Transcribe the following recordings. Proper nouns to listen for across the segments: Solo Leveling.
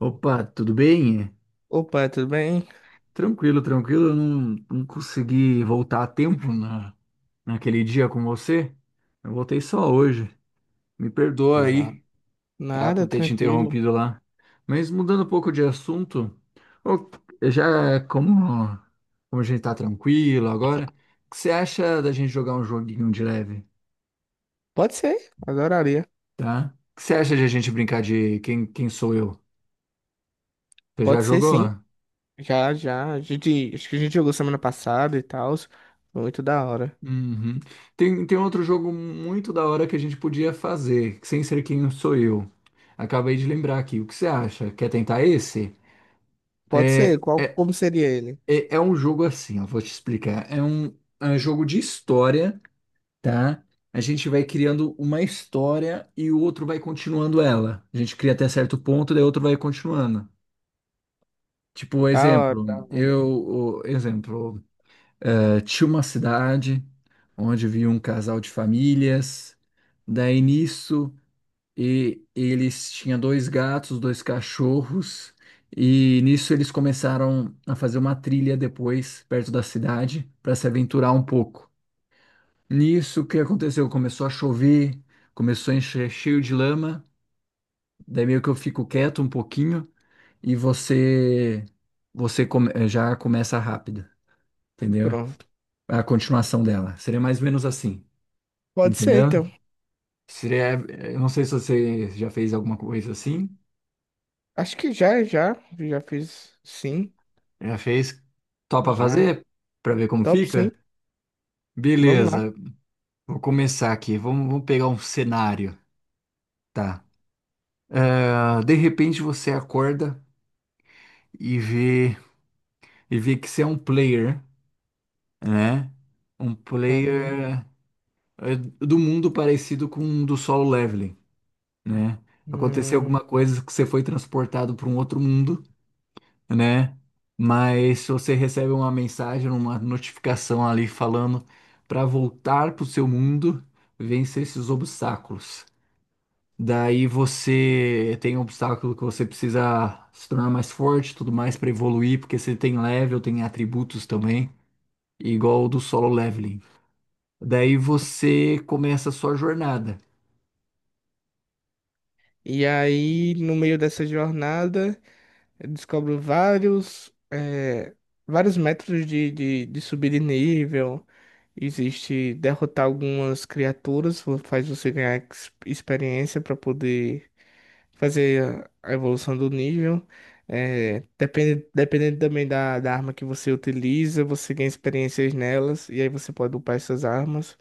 Opa, tudo bem? Opa, tudo bem? Tranquilo, tranquilo. Eu não consegui voltar a tempo naquele dia com você. Eu voltei só hoje. Me perdoa Exato. aí, tá? Nada, Por ter te tranquilo. interrompido lá. Mas mudando um pouco de assunto, ô, já como, como a gente tá tranquilo agora, o que você acha da gente jogar um joguinho de leve, Pode ser, adoraria. tá? O que você acha de a gente brincar de quem sou eu? Você já Pode ser, jogou? sim. Já, já. A gente, acho que a gente jogou semana passada e tal. Muito da hora. Uhum. Tem outro jogo muito da hora que a gente podia fazer, sem ser quem sou eu. Acabei de lembrar aqui. O que você acha? Quer tentar esse? Pode É, ser, qual, é, como seria ele? é um jogo assim, eu vou te explicar. É um jogo de história, tá? A gente vai criando uma história e o outro vai continuando ela. A gente cria até certo ponto, daí o outro vai continuando. Tipo, Da hora. exemplo, exemplo, tinha uma cidade onde vivia um casal de famílias. Daí nisso, e eles tinham dois gatos, dois cachorros, e nisso eles começaram a fazer uma trilha depois, perto da cidade, para se aventurar um pouco. Nisso, o que aconteceu? Começou a chover, começou a encher cheio de lama. Daí meio que eu fico quieto um pouquinho e você já começa rápido, entendeu? Pronto. A continuação dela. Seria mais ou menos assim. Pode ser, Entendeu? então. Seria, eu não sei se você já fez alguma coisa assim. Acho que já, já. Já fiz sim. Já fez? Topa Já. fazer para ver como Top, fica? sim. Vamos lá. Beleza, vou começar aqui. Vamos pegar um cenário, tá? Ah, de repente você acorda e vê e vê que você é um player, né? Um Uhum. player do mundo parecido com um do Solo Leveling, né? Aconteceu Hum. alguma coisa que você foi transportado para um outro mundo, né? Mas se você recebe uma mensagem, uma notificação ali falando para voltar para o seu mundo, vencer esses obstáculos. Daí você tem um obstáculo que você precisa se tornar mais forte, tudo mais para evoluir, porque você tem level, tem atributos também, igual o do Solo Leveling. Daí você começa a sua jornada. E aí, no meio dessa jornada. Eu descobro vários, vários métodos de subir de nível. Existe derrotar algumas criaturas, faz você ganhar experiência para poder fazer a evolução do nível. É, depende, dependendo também da arma que você utiliza, você ganha experiências nelas, e aí você pode upar essas armas.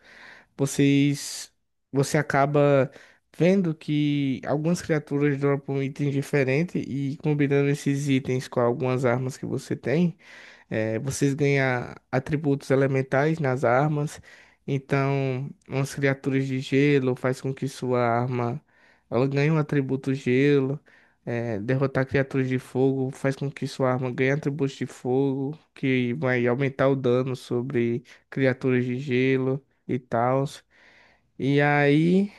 Vocês, você acaba vendo que algumas criaturas dropam itens diferentes, e combinando esses itens com algumas armas que você tem, é, vocês ganham atributos elementais nas armas. Então, umas criaturas de gelo faz com que sua arma ela ganha um atributo gelo, é, derrotar criaturas de fogo faz com que sua arma ganhe atributos de fogo, que vai aumentar o dano sobre criaturas de gelo e tal. E aí,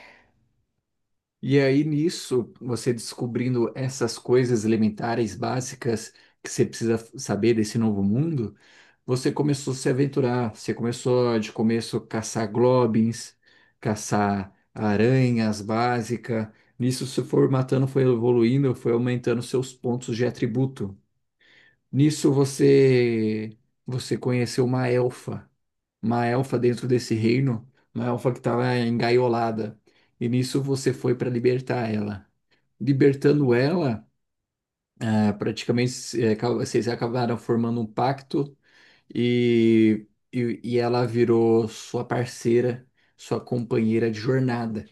E aí, nisso, você descobrindo essas coisas elementares, básicas, que você precisa saber desse novo mundo, você começou a se aventurar. Você começou, de começo, caçar globins, caçar aranhas básicas. Nisso, você foi matando, foi evoluindo, foi aumentando seus pontos de atributo. Nisso, você conheceu uma elfa. Uma elfa dentro desse reino, uma elfa que estava engaiolada. E nisso, você foi para libertar ela, libertando ela, ah, praticamente vocês acabaram formando um pacto e, e ela virou sua parceira, sua companheira de jornada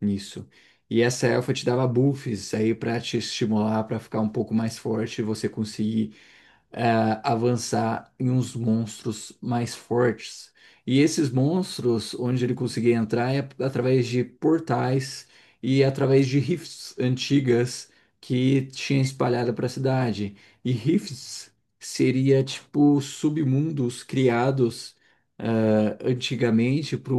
nisso. E essa elfa te dava buffs aí para te estimular, para ficar um pouco mais forte, e você conseguir eh, avançar em uns monstros mais fortes. E esses monstros, onde ele conseguia entrar, é através de portais e através de rifts antigas que tinha espalhada para a cidade. E rifts seria tipo submundos criados antigamente para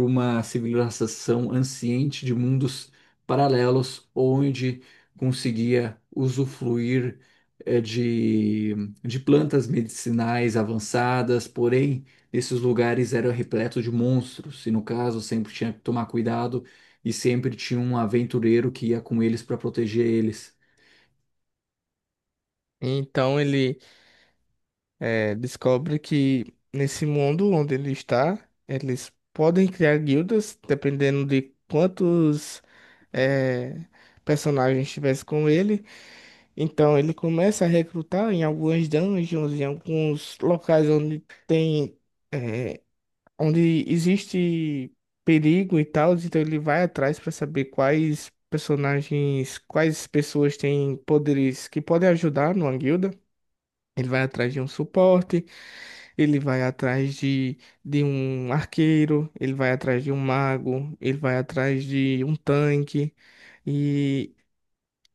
uma civilização anciente de mundos paralelos, onde conseguia usufruir eh, de, de plantas medicinais avançadas, porém, esses lugares eram repletos de monstros, e no caso, sempre tinha que tomar cuidado e sempre tinha um aventureiro que ia com eles para proteger eles. então ele é, descobre que nesse mundo onde ele está, eles podem criar guildas, dependendo de quantos é, personagens tivesse com ele. Então ele começa a recrutar em algumas dungeons, em alguns locais onde tem, eh, onde existe perigo e tal, então ele vai atrás para saber quais personagens, quais pessoas têm poderes que podem ajudar numa guilda. Ele vai atrás de um suporte, ele vai atrás de um arqueiro, ele vai atrás de um mago, ele vai atrás de um tanque.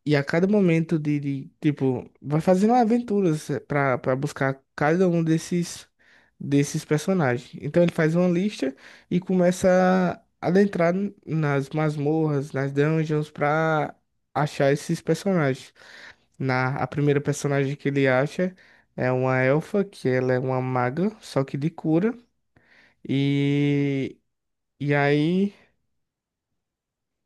E a cada momento tipo, vai fazendo aventuras pra para buscar cada um desses desses personagens. Então ele faz uma lista e começa a adentrar nas masmorras, nas dungeons pra achar esses personagens. Na A primeira personagem que ele acha é uma elfa, que ela é uma maga, só que de cura. E e aí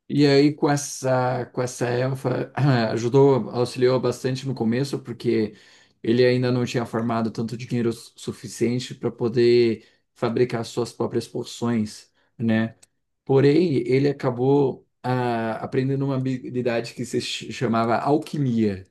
E aí, com essa elfa, ajudou, auxiliou bastante no começo, porque ele ainda não tinha farmado tanto dinheiro suficiente para poder fabricar suas próprias poções, né? Porém, ele acabou ah, aprendendo uma habilidade que se chamava alquimia.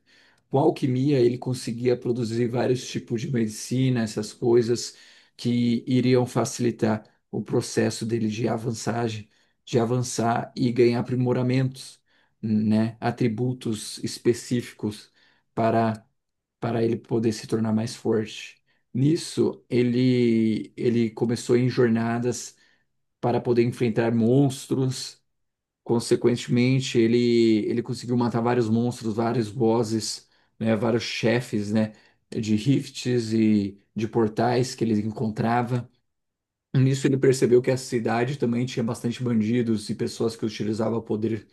Com alquimia, ele conseguia produzir vários tipos de medicina, essas coisas que iriam facilitar o processo dele de avançagem, de avançar e ganhar aprimoramentos, né? Atributos específicos para, para ele poder se tornar mais forte. Nisso, ele começou em jornadas para poder enfrentar monstros. Consequentemente, ele conseguiu matar vários monstros, vários bosses, né, vários chefes, né, de rifts e de portais que ele encontrava. Nisso ele percebeu que a cidade também tinha bastante bandidos e pessoas que utilizavam o poder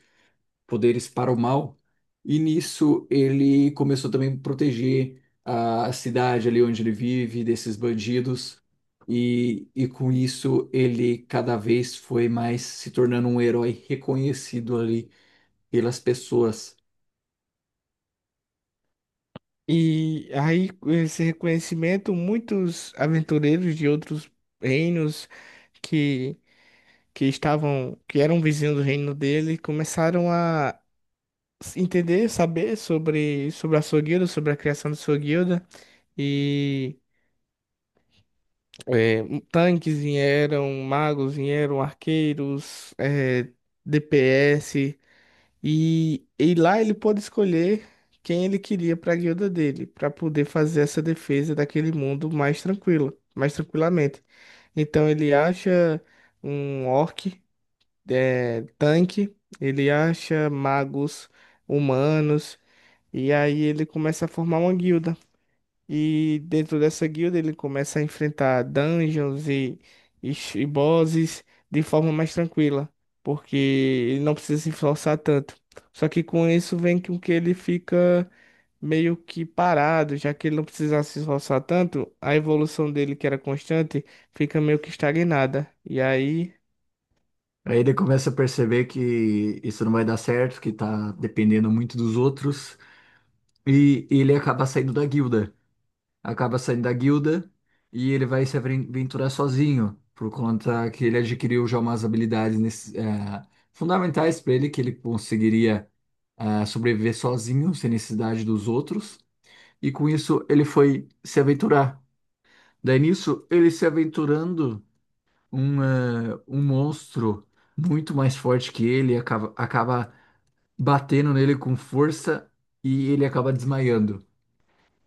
poderes para o mal. E nisso ele começou também a proteger a cidade ali onde ele vive desses bandidos. E com isso ele cada vez foi mais se tornando um herói reconhecido ali pelas pessoas. E aí, com esse reconhecimento, muitos aventureiros de outros reinos que, que estavam, que eram vizinhos do reino dele, começaram a entender, saber sobre, sobre a sua guilda, sobre a criação da sua guilda. E é, tanques vieram, magos vieram, arqueiros, é, DPS. E lá ele pôde escolher quem ele queria para a guilda dele, para poder fazer essa defesa daquele mundo mais tranquilo, mais tranquilamente. Então ele acha um orc, é, tanque, ele acha magos humanos, e aí ele começa a formar uma guilda. E dentro dessa guilda ele começa a enfrentar dungeons e, e bosses de forma mais tranquila, porque ele não precisa se esforçar tanto. Só que com isso vem com que ele fica meio que parado, já que ele não precisava se esforçar tanto, a evolução dele, que era constante, fica meio que estagnada. E aí, Aí ele começa a perceber que isso não vai dar certo, que tá dependendo muito dos outros, e ele acaba saindo da guilda. Acaba saindo da guilda e ele vai se aventurar sozinho, por conta que ele adquiriu já umas habilidades fundamentais para ele, que ele conseguiria sobreviver sozinho, sem necessidade dos outros, e com isso ele foi se aventurar. Daí nisso, ele se aventurando, um monstro muito mais forte que ele acaba batendo nele com força e ele acaba desmaiando.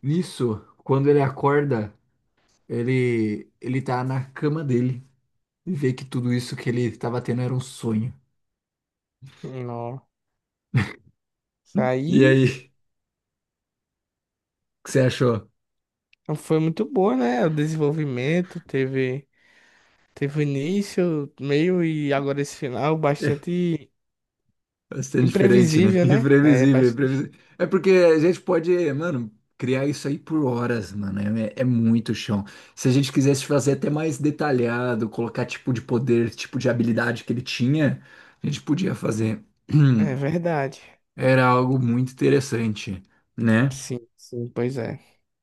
Nisso, quando ele acorda, ele tá na cama dele e vê que tudo isso que ele tava tendo era um sonho. nossa, E aí aí, o que você achou? foi muito boa, né? O desenvolvimento teve, teve o início, meio e agora esse final É bastante. bastante diferente, né? Imprevisível, né? É Imprevisível, bastante. imprevisível. É porque a gente pode, mano, criar isso aí por horas, mano. É, é muito chão. Se a gente quisesse fazer até mais detalhado, colocar tipo de poder, tipo de habilidade que ele tinha, a gente podia fazer. É verdade. Era algo muito interessante, né? Sim, sim, pois é.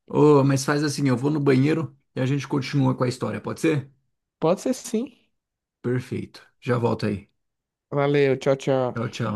Ô, mas faz assim, eu vou no banheiro e a gente continua com a história, pode ser? Pode ser sim. Perfeito. Já volto aí. Valeu, tchau, tchau. Tchau, tchau.